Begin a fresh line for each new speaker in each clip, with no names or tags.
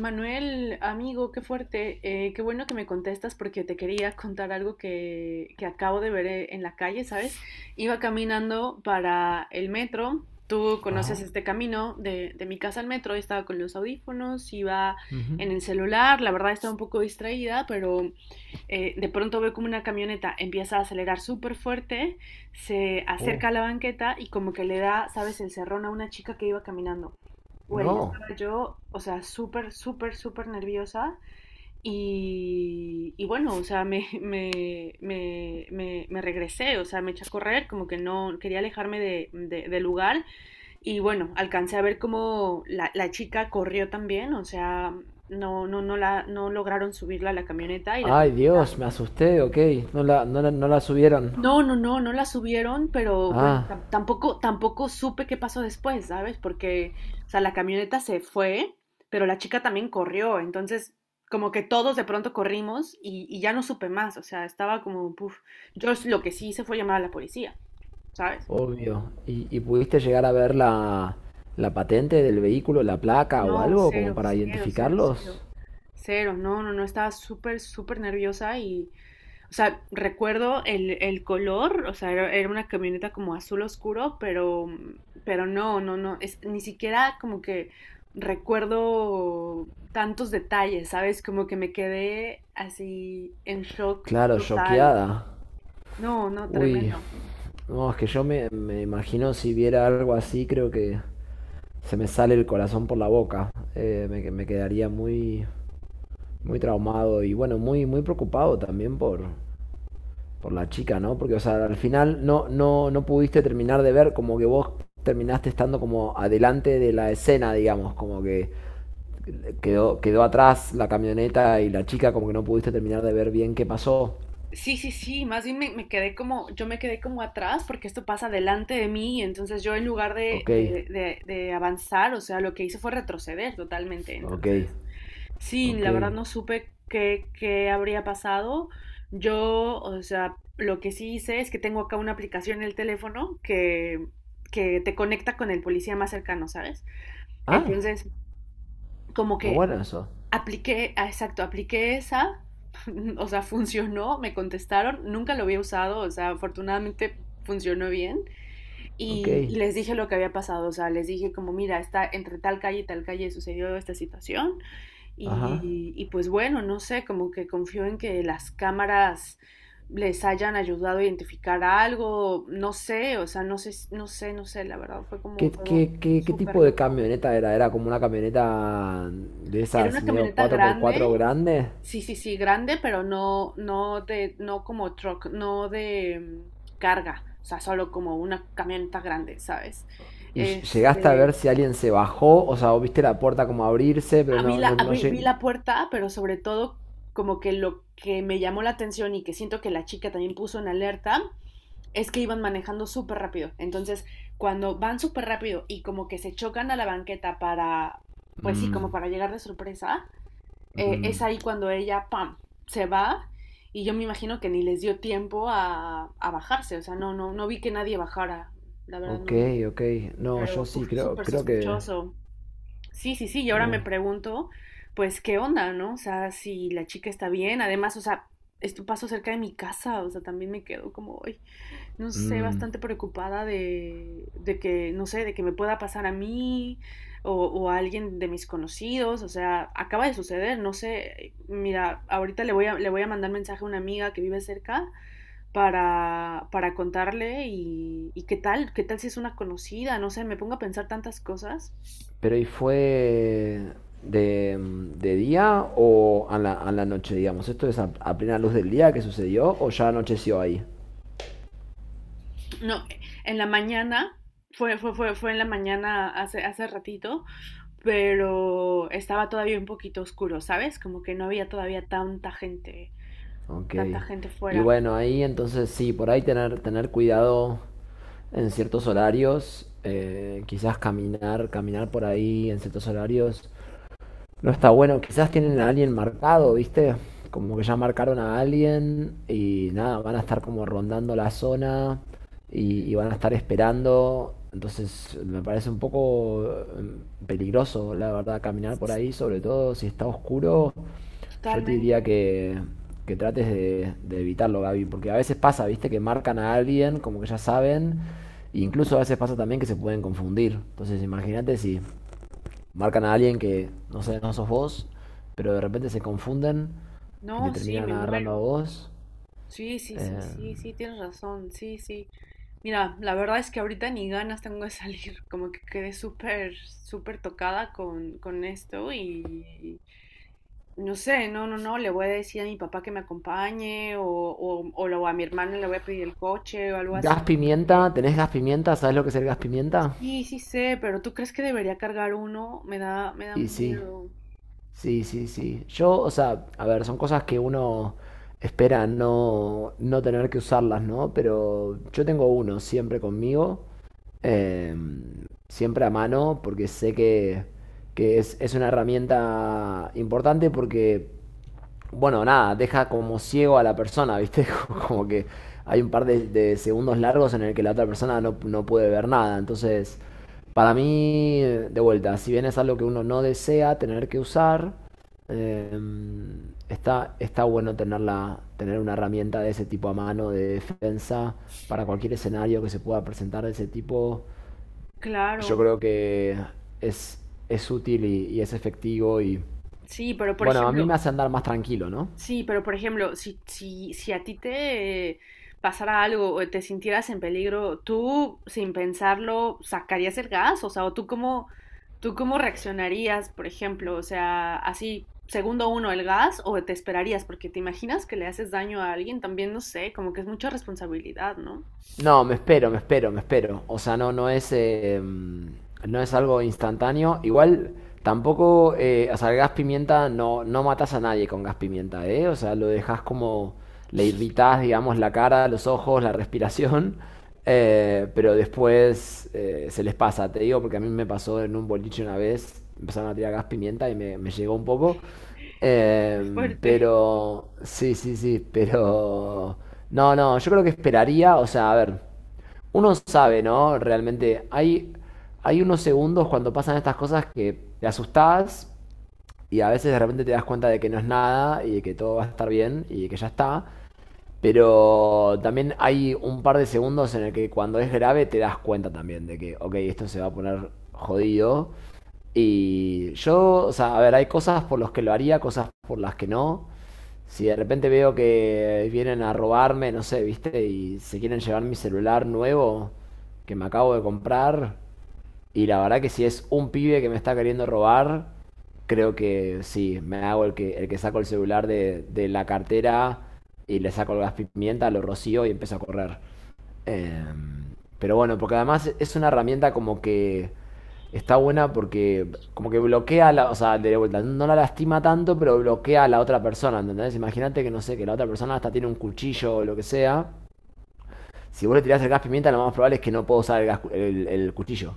Manuel, amigo, qué fuerte. Qué bueno que me contestas porque te quería contar algo que acabo de ver en la calle, ¿sabes? Iba caminando para el metro. Tú conoces
Ajá.
este camino de mi casa al metro. Estaba con los audífonos, iba
Ujú.
en el celular. La verdad estaba un poco distraída, pero de pronto ve como una camioneta empieza a acelerar súper fuerte, se
Oh.
acerca a la banqueta y como que le da, ¿sabes?, el cerrón a una chica que iba caminando. Güey,
No.
estaba yo, o sea, súper, súper, súper nerviosa y bueno, o sea, me regresé, o sea, me eché a correr, como que no quería alejarme del lugar y bueno, alcancé a ver cómo la chica corrió también, o sea, no, no, no, la, no lograron subirla a la camioneta y la
Ay,
camioneta.
Dios, me asusté, ok. No la subieron.
No, no, no, no la subieron, pero bueno,
Ah,
tampoco supe qué pasó después, ¿sabes? Porque, o sea, la camioneta se fue, pero la chica también corrió, entonces como que todos de pronto corrimos y ya no supe más, o sea, estaba como, puf, lo que sí hice fue llamar a la policía, ¿sabes?
obvio. ¿Y, pudiste llegar a ver la, la patente del vehículo, la placa o
No,
algo como
cero,
para
cero, cero,
identificarlos?
cero, cero, no, no, no, estaba súper, súper nerviosa y. O sea, recuerdo el color, o sea, era una camioneta como azul oscuro, pero no, no, no, es, ni siquiera como que recuerdo tantos detalles, ¿sabes? Como que me quedé así en shock
Claro,
total.
choqueada.
No, no,
Uy,
tremendo.
no, es que yo me imagino si viera algo así, creo que se me sale el corazón por la boca. Me quedaría muy, muy traumado y bueno, muy, muy preocupado también por la chica, ¿no? Porque, o sea, al final no pudiste terminar de ver como que vos terminaste estando como adelante de la escena, digamos, como que quedó atrás la camioneta y la chica, como que no pudiste terminar de ver bien qué pasó.
Sí, sí, sí, más bien me quedé como, yo me quedé como atrás porque esto pasa delante de mí, y entonces yo en lugar de,
Ok,
de, de, de avanzar, o sea, lo que hice fue retroceder totalmente,
ok,
entonces. Sí,
ok.
la verdad no supe qué, qué habría pasado. Yo, o sea, lo que sí hice es que tengo acá una aplicación en el teléfono que te conecta con el policía más cercano, ¿sabes?
Ah,
Entonces, como
muy
que
bueno eso.
apliqué, ah, exacto, apliqué esa, o sea, funcionó, me contestaron, nunca lo había usado, o sea, afortunadamente funcionó bien.
Ok,
Y les dije lo que había pasado, o sea, les dije como, mira, está entre tal calle y tal calle sucedió esta situación.
ajá.
Y pues bueno, no sé, como que confío en que las cámaras les hayan ayudado a identificar algo, no sé, o sea, no sé, no sé, no sé, la verdad fue como
¿Qué,
todo
qué
súper
tipo de
loco.
camioneta era? ¿Era como una camioneta de
Era
esas
una
medio
camioneta
cuatro por cuatro
grande,
grandes?
sí, sí, sí, grande, pero no, no de, no como truck, no de carga, o sea, solo como una camioneta grande, ¿sabes?
Y llegaste a ver
Este,
si alguien se bajó, o sea, o viste la puerta como abrirse, pero no
Vi la puerta, pero sobre todo como que lo que me llamó la atención y que siento que la chica también puso en alerta es que iban manejando súper rápido. Entonces, cuando van súper rápido y como que se chocan a la banqueta para, pues sí, como
Mm,
para llegar de sorpresa, es
mm,
ahí cuando ella, ¡pam!, se va y yo me imagino que ni les dio tiempo a bajarse. O sea, no, no, no vi que nadie bajara. La verdad,
ok,
no, no.
ok. No, yo
Pero
sí,
uf,
creo,
súper
creo que
sospechoso. Sí, sí, sí, y ahora me
uh,
pregunto, pues, ¿qué onda, no? O sea, si la chica está bien, además, o sea, esto pasó cerca de mi casa, o sea, también me quedo como, ay, no sé,
mm.
bastante preocupada de que, no sé, de que me pueda pasar a mí o a alguien de mis conocidos, o sea, acaba de suceder, no sé, mira, ahorita le voy a mandar mensaje a una amiga que vive cerca para contarle y qué tal si es una conocida, no sé, me pongo a pensar tantas cosas.
pero ¿y fue de, de día o a la noche, digamos? ¿Esto es a plena luz del día que sucedió o ya anocheció ahí?
No, en la mañana, fue en la mañana hace ratito, pero estaba todavía un poquito oscuro, ¿sabes? Como que no había todavía
Ok.
tanta gente
Y
fuera.
bueno, ahí entonces sí, por ahí tener cuidado en ciertos horarios, quizás caminar por ahí en ciertos horarios, no está bueno. Quizás tienen a alguien marcado, ¿viste? Como que ya marcaron a alguien y nada, van a estar como rondando la zona y, van a estar esperando. Entonces me parece un poco peligroso, la verdad, caminar por ahí, sobre todo si está oscuro. Yo te diría
Totalmente.
que trates de evitarlo, Gaby, porque a veces pasa, ¿viste? Que marcan a alguien, como que ya saben, e incluso a veces pasa también que se pueden confundir. Entonces imagínate si marcan a alguien que no sé, no sos vos, pero de repente se confunden y te
No, sí,
terminan
me
agarrando a
muero.
vos.
Sí, sí, sí,
Eh,
sí, sí, tienes razón. Sí, sí. Mira, la verdad es que ahorita ni ganas tengo de salir, como que quedé súper, súper tocada con esto y no sé, no, no, no, le voy a decir a mi papá que me acompañe o lo- a mi hermana le voy a pedir el coche o algo así,
gas pimienta,
porque
¿tenés gas pimienta? ¿Sabés lo que es el gas pimienta?
sí, sí sé, pero ¿tú crees que debería cargar uno? Me da
Y sí,
miedo.
sí, sí, sí. Yo, o sea, a ver, son cosas que uno espera no, no tener que usarlas, ¿no? Pero yo tengo uno siempre conmigo, eh, siempre a mano, porque sé que es una herramienta importante porque bueno, nada, deja como ciego a la persona, ¿viste? Como que hay un par de segundos largos en el que la otra persona no, no puede ver nada. Entonces, para mí, de vuelta, si bien es algo que uno no desea tener que usar, eh, está, está bueno tenerla, tener una herramienta de ese tipo a mano de defensa para cualquier escenario que se pueda presentar de ese tipo. Yo
Claro,
creo que es, es útil y es efectivo y,
sí, pero por
bueno, a mí me
ejemplo.
hace andar más tranquilo, ¿no?
Sí, pero por ejemplo, si a ti te pasara algo o te sintieras en peligro, ¿tú sin pensarlo sacarías el gas? O sea, ¿o tú cómo reaccionarías, por ejemplo? O sea, así, segundo uno, el gas o te esperarías, porque te imaginas que le haces daño a alguien, también no sé, como que es mucha responsabilidad, ¿no?
No, me espero, me espero, me espero. O sea, no, no es, no es algo instantáneo. Igual tampoco, o sea, el gas pimienta no, no matas a nadie con gas pimienta, ¿eh? O sea, lo dejas como, le irritas, digamos, la cara, los ojos, la respiración. Pero después se les pasa, te digo, porque a mí me pasó en un boliche una vez, empezaron a tirar gas pimienta y me llegó un poco.
Qué fuerte.
Pero sí, sí, sí, pero no, no, yo creo que esperaría, o sea, a ver, uno sabe, ¿no? Realmente hay, hay unos segundos cuando pasan estas cosas que te asustás, y a veces de repente te das cuenta de que no es nada y de que todo va a estar bien y de que ya está. Pero también hay un par de segundos en el que cuando es grave te das cuenta también de que, ok, esto se va a poner jodido. Y yo, o sea, a ver, hay cosas por las que lo haría, cosas por las que no. Si de repente veo que vienen a robarme, no sé, viste, y se quieren llevar mi celular nuevo que me acabo de comprar, y la verdad que si es un pibe que me está queriendo robar, creo que sí, me hago el que saco el celular de la cartera y le saco el gas pimienta, lo rocío y empiezo a correr. Eh, pero bueno, porque además es una herramienta como que está buena porque como que bloquea la, o sea, de vuelta, no la lastima tanto, pero bloquea a la otra persona, ¿entendés? Imagínate que no sé, que la otra persona hasta tiene un cuchillo o lo que sea si vos le tirás el gas pimienta, lo más probable es que no pueda usar el cuchillo.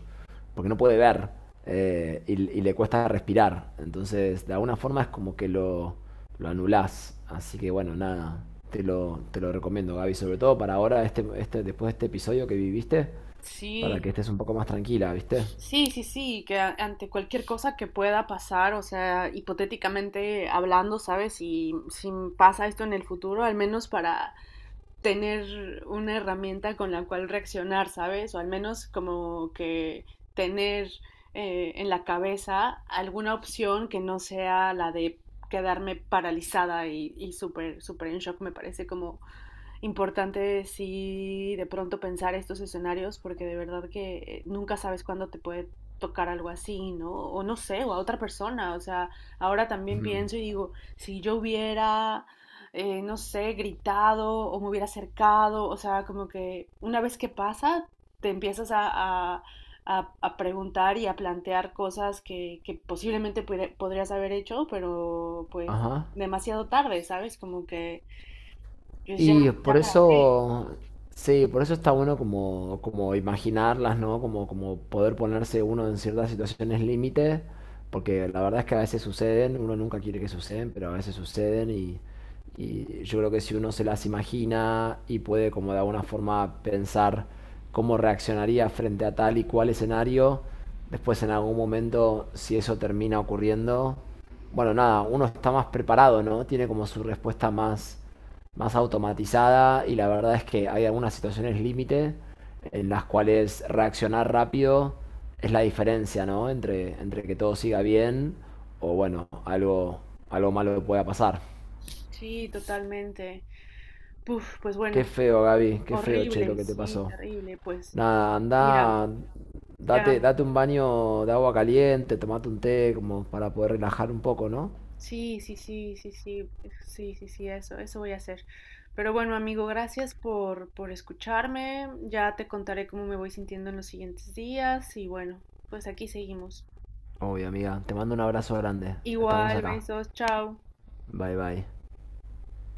Porque no puede ver. Y le cuesta respirar. Entonces, de alguna forma es como que lo anulás. Así que bueno, nada. Te lo recomiendo, Gaby. Sobre todo para ahora, este, después de este episodio que viviste. Para que
Sí.
estés un poco más tranquila, ¿viste?
Sí, sí, sí, que ante cualquier cosa que pueda pasar, o sea, hipotéticamente hablando, ¿sabes? Si pasa esto en el futuro, al menos para tener una herramienta con la cual reaccionar, ¿sabes? O al menos como que tener en la cabeza alguna opción que no sea la de quedarme paralizada y súper, súper en shock, me parece como importante. Sí, de pronto pensar estos escenarios porque de verdad que nunca sabes cuándo te puede tocar algo así, ¿no? O no sé, o a otra persona. O sea, ahora también
Ujú.
pienso y digo, si yo hubiera, no sé, gritado o me hubiera acercado, o sea, como que una vez que pasa, te empiezas a- a preguntar y a plantear cosas que posiblemente podrías haber hecho, pero pues
Ajá.
demasiado tarde, ¿sabes? Como que, pues ya,
Y
ya
por
para qué.
eso, sí, por eso está bueno como, como imaginarlas, ¿no? Como, como poder ponerse uno en ciertas situaciones límite, porque la verdad es que a veces suceden, uno nunca quiere que suceden, pero a veces suceden y, yo creo que si uno se las imagina y puede como de alguna forma pensar cómo reaccionaría frente a tal y cual escenario, después en algún momento, si eso termina ocurriendo, bueno, nada, uno está más preparado, ¿no? Tiene como su respuesta más automatizada y la verdad es que hay algunas situaciones límite en las cuales reaccionar rápido es la diferencia, ¿no? Entre, entre que todo siga bien o bueno, algo, algo malo pueda pasar.
Sí, totalmente. Puf, pues bueno,
Qué feo, Gaby, qué feo, che, lo
horrible,
que te
sí,
pasó.
terrible. Pues
Nada,
mira,
anda, date,
ya,
date un baño de agua caliente, tomate un té como para poder relajar un poco, ¿no?
sí, sí, sí, sí, sí, sí, sí, sí, eso voy a hacer. Pero bueno, amigo, gracias por escucharme. Ya te contaré cómo me voy sintiendo en los siguientes días y bueno, pues aquí seguimos.
Obvio, amiga, te mando un abrazo grande. Estamos
Igual,
acá.
besos, chao.
Bye, bye.